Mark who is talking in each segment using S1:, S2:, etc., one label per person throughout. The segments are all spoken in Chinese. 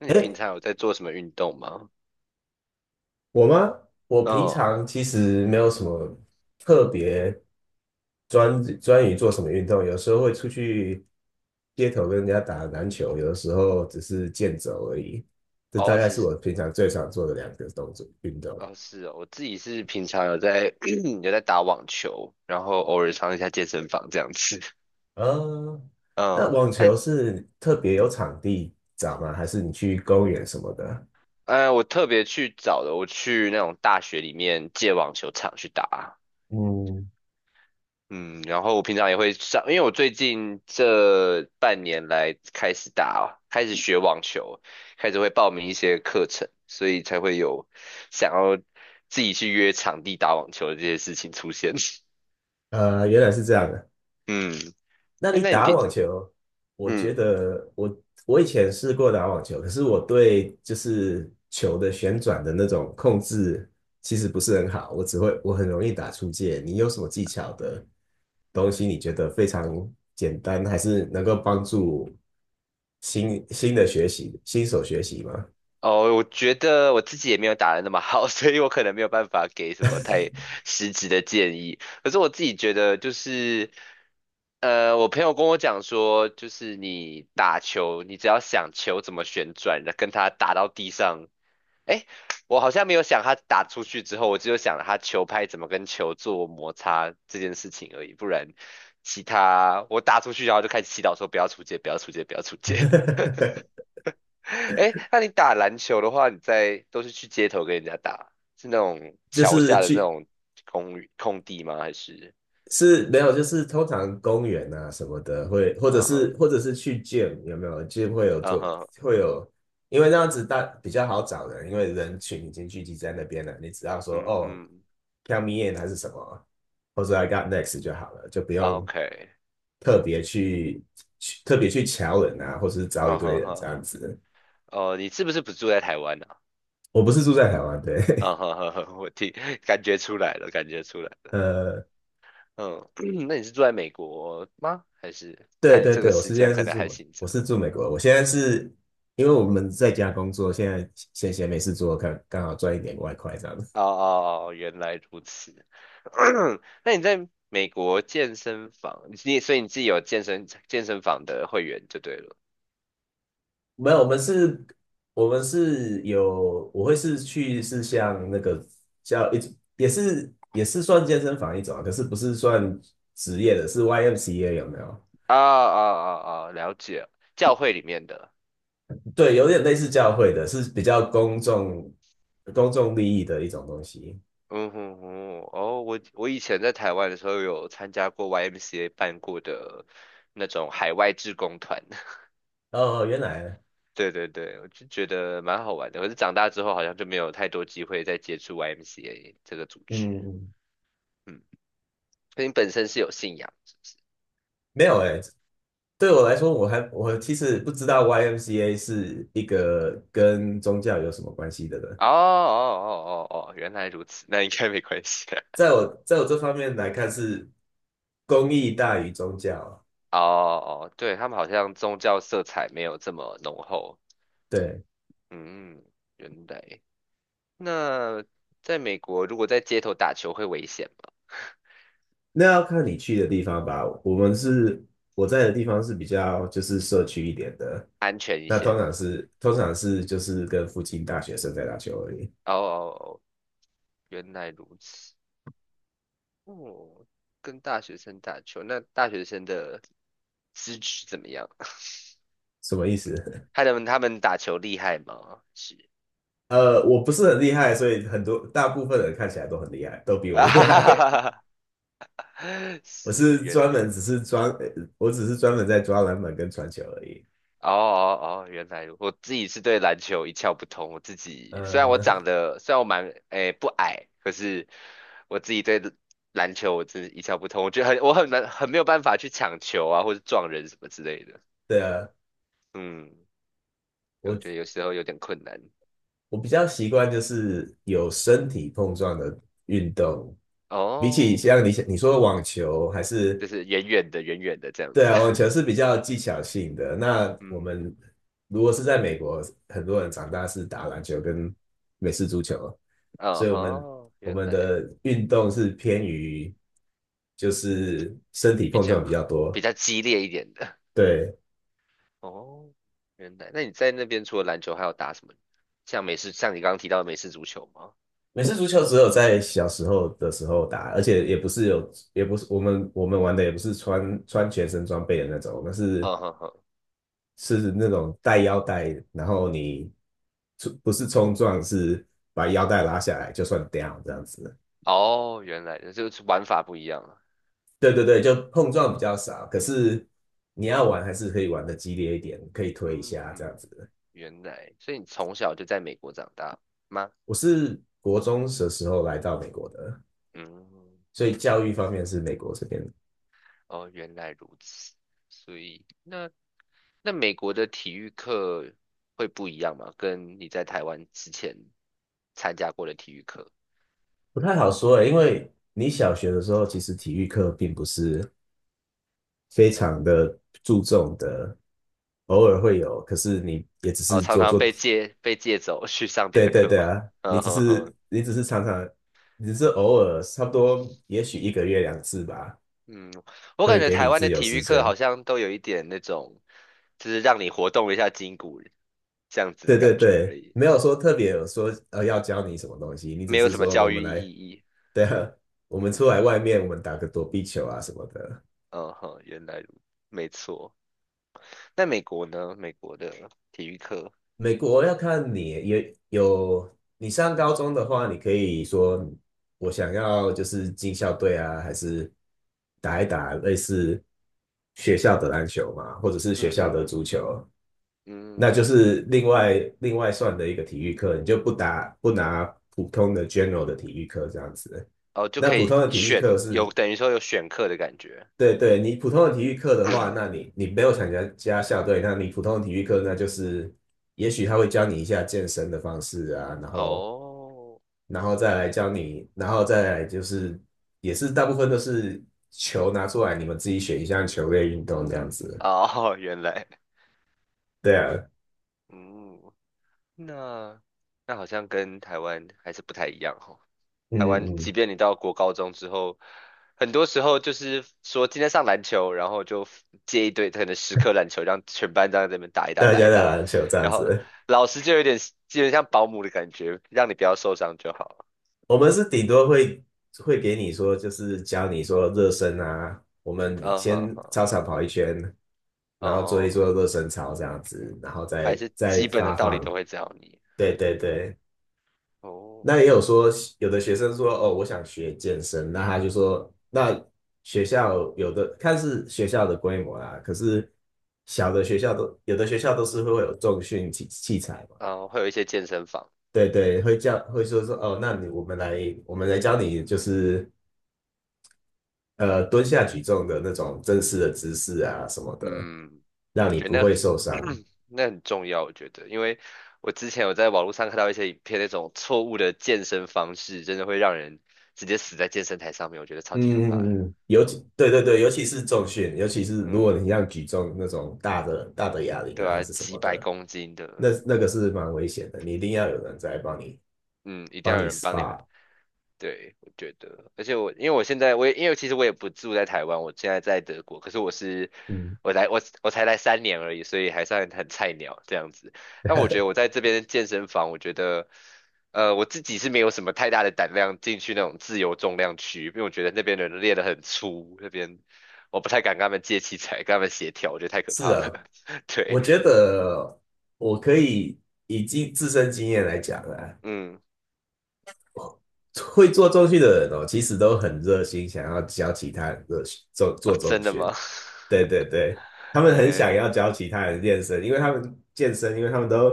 S1: 那你
S2: 哎，
S1: 平常有在做什么运动吗？
S2: 我吗？我平
S1: 嗯。
S2: 常其实没有什么特别专于做什么运动，有时候会出去街头跟人家打篮球，有的时候只是健走而已。这大
S1: 哦，
S2: 概
S1: 只
S2: 是
S1: 是
S2: 我平常最常做的两个动作运动。
S1: 哦，是哦，我自己是平常有在 有在打网球，然后偶尔上一下健身房这样子。
S2: 呃，那
S1: 嗯。
S2: 网
S1: 那
S2: 球是特别有场地找吗？还是你去公园什么的？
S1: 我特别去找的，我去那种大学里面借网球场去打。
S2: 嗯，
S1: 嗯，然后我平常也会上，因为我最近这半年来开始打，开始学网球，开始会报名一些课程，所以才会有想要自己去约场地打网球的这些事情出现。
S2: 原来是这样的。
S1: 嗯。
S2: 那
S1: 诶
S2: 你
S1: 那你
S2: 打
S1: 平，
S2: 网球，我觉
S1: 嗯。
S2: 得我以前试过打网球，可是我对就是球的旋转的那种控制其实不是很好，我只会我很容易打出界。你有什么技巧的东西，你觉得非常简单，还是能够帮助新手学习吗？
S1: 哦，我觉得我自己也没有打的那么好，所以我可能没有办法给什么太实质的建议。可是我自己觉得就是，我朋友跟我讲说，就是你打球，你只要想球怎么旋转，跟它打到地上，诶，我好像没有想它打出去之后，我只有想它球拍怎么跟球做摩擦这件事情而已，不然。其他我打出去，然后就开始祈祷说不要出界，不要出界，不要出界。哎，那你打篮球的话，你在都是去街头跟人家打，是那种
S2: 就
S1: 桥
S2: 是
S1: 下的那
S2: 去
S1: 种公寓空地吗？还是
S2: 是没有，就是通常公园啊什么的会，或者
S1: 嗯哼
S2: 是或者是去 g 有没有 g y 会有
S1: 嗯
S2: 做
S1: 哼
S2: 会有，因为那样子大比较好找人，因为人群已经聚集在那边了，你只要说
S1: 嗯
S2: 哦
S1: 哼
S2: ，count me in 还是什么，或者 I got next 就好了，就不
S1: 啊
S2: 用
S1: ，OK,
S2: 特别去特别去瞧人啊，或是招一
S1: 嗯
S2: 堆
S1: 哼
S2: 人这
S1: 哼。
S2: 样子。
S1: 哦，你是不是不住在台湾呢啊？
S2: 我不是住在台湾，
S1: 嗯
S2: 对，
S1: 哼哼哼，我听感觉出来了，感觉出来 了。
S2: 呃，
S1: 嗯。那你是住在美国吗？还是
S2: 对
S1: 看
S2: 对
S1: 这个
S2: 对，我
S1: 时
S2: 是现
S1: 间
S2: 在
S1: 可
S2: 是
S1: 能
S2: 住
S1: 还
S2: 美，
S1: 行
S2: 我
S1: 着？
S2: 是住美国。我现在是因为我们在家工作，现在闲闲没事做，看刚好赚一点外快这样子。
S1: 哦哦哦，原来如此。那你在美国健身房，你所以你自己有健身房的会员就对了。
S2: 没有，我们是有，我会是像那个叫一也是算健身房一种啊，可是不是算职业的，是 YMCA 有没有？
S1: 啊啊啊啊，了解，教会里面的。
S2: 对，有点类似教会的，是比较公众利益的一种东西。
S1: 嗯哼哼。哦，我以前在台湾的时候有参加过 YMCA 办过的那种海外志工团，
S2: 哦，哦原来，
S1: 对对对，我就觉得蛮好玩的。可是长大之后好像就没有太多机会再接触 YMCA 这个组
S2: 嗯，
S1: 织。
S2: 嗯
S1: 嗯，所以你本身是有信仰。
S2: 没有哎、对我来说，我其实不知道 YMCA 是一个跟宗教有什么关系的呢？
S1: 哦哦哦哦哦，原来如此，那应该没关系啊。
S2: 在我这方面来看，是公益大于宗教啊。
S1: 哦哦，对，他们好像宗教色彩没有这么浓厚。
S2: 对，
S1: 嗯。原来。那在美国，如果在街头打球会危险吗？
S2: 那要看你去的地方吧。我们是我在的地方是比较就是社区一点的，
S1: 安全一
S2: 那
S1: 些
S2: 通常
S1: 的。
S2: 是通常是就是跟附近大学生在打球而已。
S1: 哦哦哦，原来如此。哦，跟大学生打球，那大学生的资质怎么样？
S2: 什么意思？
S1: 他 们他们打球厉害吗？是
S2: 我不是很厉害，所以很多大部分人看起来都很厉害，都比 我
S1: 啊，
S2: 厉
S1: 哈哈
S2: 害。
S1: 哈哈 哈，
S2: 我
S1: 是，
S2: 是
S1: 原
S2: 专
S1: 来。
S2: 门只是专，呃我只是专门在抓篮板跟传球而已。
S1: 哦哦哦，原来如我自己是对篮球一窍不通。我自己虽然我
S2: 嗯，
S1: 长得虽然我蛮诶不矮，可是我自己对篮球我真的一窍不通。我觉得很我很难很没有办法去抢球啊，或者撞人什么之类的。
S2: 对啊，
S1: 嗯，我觉得有
S2: 我
S1: 时候有点困难。
S2: 我比较习惯就是有身体碰撞的运动，比起像
S1: 哦，
S2: 你说的网球还是
S1: 就是远远的远远的这样
S2: 对
S1: 子。
S2: 啊，网球 是比较技巧性的。那我
S1: 嗯。
S2: 们如果是在美国，很多人长大是打篮球跟美式足球，
S1: 哦
S2: 所以我们
S1: 吼，
S2: 我
S1: 原
S2: 们
S1: 来
S2: 的运动是偏于就是身体
S1: 比
S2: 碰撞
S1: 较
S2: 比较
S1: 比
S2: 多。
S1: 较激烈一点的。
S2: 对，
S1: 哦，原来，那你在那边除了篮球还有打什么？像美式，像你刚刚提到的美式足球吗？
S2: 美式足球只有在小时候的时候打，而且也不是有，也不是我们玩的也不是穿全身装备的那种，我们是
S1: 嗯哼哼。
S2: 是那种带腰带，然后你不是冲撞，是把腰带拉下来就算 down 这样子。
S1: 哦，原来，就是玩法不一样了。
S2: 对对对，就碰撞比较少，可是你要玩还是可以玩的激烈一点，可以推一
S1: 嗯
S2: 下这
S1: 嗯，
S2: 样子。
S1: 原来，所以你从小就在美国长大吗？
S2: 我是国中的时候来到美国的，
S1: 嗯。
S2: 所以教育方面是美国这边
S1: 哦，原来如此。所以，那那美国的体育课会不一样吗？跟你在台湾之前参加过的体育课，
S2: 不太好说诶，因为你小学的时候，其实体育课并不是非常的注重的，偶尔会有，可是你也只
S1: 哦，
S2: 是
S1: 常
S2: 做
S1: 常
S2: 做
S1: 被
S2: 体，
S1: 借被借走去上别
S2: 对
S1: 的
S2: 对
S1: 课
S2: 对
S1: 吗？
S2: 啊，你
S1: 嗯
S2: 只
S1: 哼
S2: 是
S1: 哼。
S2: 你只是常常，你只是偶尔，差不多也许一个月2次吧，
S1: 嗯，我感
S2: 会
S1: 觉
S2: 给你
S1: 台湾
S2: 自
S1: 的
S2: 由
S1: 体
S2: 时
S1: 育课好
S2: 间。
S1: 像都有一点那种，就是让你活动一下筋骨这样子的
S2: 对对
S1: 感觉而
S2: 对，
S1: 已，
S2: 没有说特别有说要教你什么东西，你只
S1: 没有
S2: 是
S1: 什么
S2: 说
S1: 教
S2: 我们
S1: 育意
S2: 来，
S1: 义。
S2: 对啊，我们出
S1: 嗯。
S2: 来外面，我们打个躲避球啊什么的。
S1: 嗯哼，原来如没错。那美国呢？美国的体育课，
S2: 美国要看你也有，你上高中的话，你可以说我想要就是进校队啊，还是打一打类似学校的篮球嘛，或者是学
S1: 嗯
S2: 校
S1: 哼
S2: 的
S1: 哼。
S2: 足球，
S1: 嗯。
S2: 那就是另外算的一个体育课，你就不拿普通的 general 的体育课这样子。
S1: 哦，就
S2: 那
S1: 可
S2: 普
S1: 以
S2: 通的体育
S1: 选，
S2: 课是
S1: 有等于说有选课的感觉。
S2: 对对，你普通的体育课的话，那你没有参加校队，那你普通的体育课那就是，也许他会教你一下健身的方式啊，然后
S1: 哦，
S2: 然后再来教你，然后再来就是也是大部分都是球拿出来，你们自己选一项球类运动这样子。
S1: 哦，原来。
S2: 对啊，
S1: 嗯。那那好像跟台湾还是不太一样台
S2: 嗯
S1: 湾，即
S2: 嗯，
S1: 便你到国高中之后，很多时候就是说今天上篮球，然后就借一堆可能10颗篮球，让全班这样在那边打一打
S2: 大
S1: 打一
S2: 家在
S1: 打，
S2: 篮球这样
S1: 然后
S2: 子。
S1: 老师就有点基本像保姆的感觉，让你不要受伤就好。
S2: 我们是顶多会给你说，就是教你说热身啊，我们
S1: 嗯哼
S2: 先
S1: 哼。
S2: 操场跑一圈，
S1: 哦，哦
S2: 然后做一
S1: 哦
S2: 做热身操这样子，然后
S1: 还
S2: 再
S1: 是基
S2: 再
S1: 本的
S2: 发
S1: 道理
S2: 放。
S1: 都会教你。
S2: 对对对，
S1: 哦。
S2: 那也有说有的学生说哦，我想学健身，那他就说那学校有的看是学校的规模啦，可是小的学校都有的学校都是会有重训器材嘛。
S1: 嗯，会有一些健身房。
S2: 对对，会说哦，我们来教你，就是蹲下举重的那种正式的姿势啊什么的，
S1: 嗯，
S2: 让
S1: 我
S2: 你
S1: 觉
S2: 不
S1: 得
S2: 会受
S1: 那
S2: 伤。
S1: 那很重要，我觉得，因为我之前有在网络上看到一些影片，那种错误的健身方式，真的会让人直接死在健身台上面，我觉得超级可
S2: 嗯
S1: 怕的。
S2: 嗯嗯尤
S1: 嗯
S2: 其对对对，尤其是重训，尤其是如果
S1: 嗯，
S2: 你像举重那种大的哑铃
S1: 对
S2: 啊，还
S1: 啊，
S2: 是什
S1: 几
S2: 么
S1: 百
S2: 的，
S1: 公斤
S2: 那
S1: 的，
S2: 那个是蛮危险的，你一定要有人在帮你
S1: 嗯，一定
S2: 帮
S1: 要有
S2: 你
S1: 人帮你
S2: SPA。
S1: 对，我觉得，而且我因为我现在我也因为其实我也不住在台湾，我现在在德国，可是我是
S2: 嗯，
S1: 我来我才来3年而已，所以还算很菜鸟这样子。但我觉得我在这边的健身房，我觉得我自己是没有什么太大的胆量进去那种自由重量区，因为我觉得那边的人练得很粗，那边我不太敢跟他们借器材，跟他们协调，我觉得太可
S2: 是
S1: 怕了。
S2: 啊，我
S1: 对。
S2: 觉得我可以以经自身经验来讲啊，
S1: 嗯。
S2: 会做重训的人哦，其实都很热心，想要教其他人做
S1: 哦，
S2: 做重
S1: 真的
S2: 训。
S1: 吗？
S2: 对对对，他们很想要
S1: 嘿，
S2: 教其他人健身，因为他们都，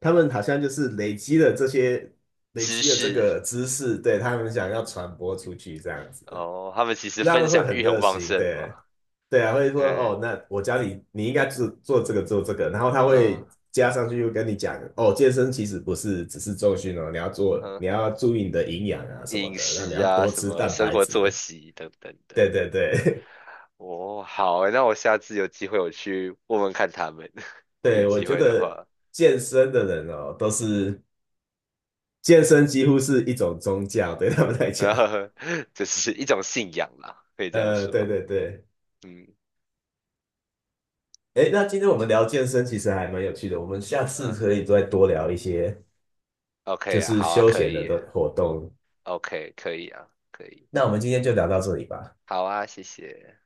S2: 他们好像就是累
S1: 知
S2: 积了这
S1: 识。
S2: 个知识，对，他们想要传播出去这样子，
S1: 哦，他们其实
S2: 他
S1: 分
S2: 们会
S1: 享
S2: 很
S1: 欲
S2: 热
S1: 很旺
S2: 心，
S1: 盛
S2: 对，
S1: 嘛，
S2: 对啊，会说哦，
S1: 嗯
S2: 那我教你，你应该做做这个，然后他
S1: 嗯
S2: 会加上去又跟你讲，哦，健身其实不是只是重训哦，你要做，
S1: 嗯，
S2: 你要注意你的营养啊什么
S1: 饮
S2: 的，那你
S1: 食
S2: 要
S1: 啊，
S2: 多
S1: 什
S2: 吃
S1: 么
S2: 蛋
S1: 生
S2: 白
S1: 活
S2: 质，
S1: 作息等等的。
S2: 对对对，
S1: 哦，好欸那我下次有机会我去问问看他们，有
S2: 对，我
S1: 机
S2: 觉
S1: 会的
S2: 得
S1: 话，
S2: 健身的人哦，都是健身几乎是一种宗教，对他们来讲。
S1: 然后 这是一种信仰啦，可以这样
S2: 对
S1: 说。
S2: 对对。
S1: 嗯
S2: 诶，那今天我们聊健身其实还蛮有趣的，我们下次
S1: 嗯
S2: 可以再多聊一些
S1: ，OK
S2: 就
S1: 啊，
S2: 是
S1: 好啊，
S2: 休
S1: 可
S2: 闲的
S1: 以
S2: 的活动。
S1: OK 可以啊，可以，
S2: 那我们今天就聊到这里吧。
S1: 好啊，谢谢。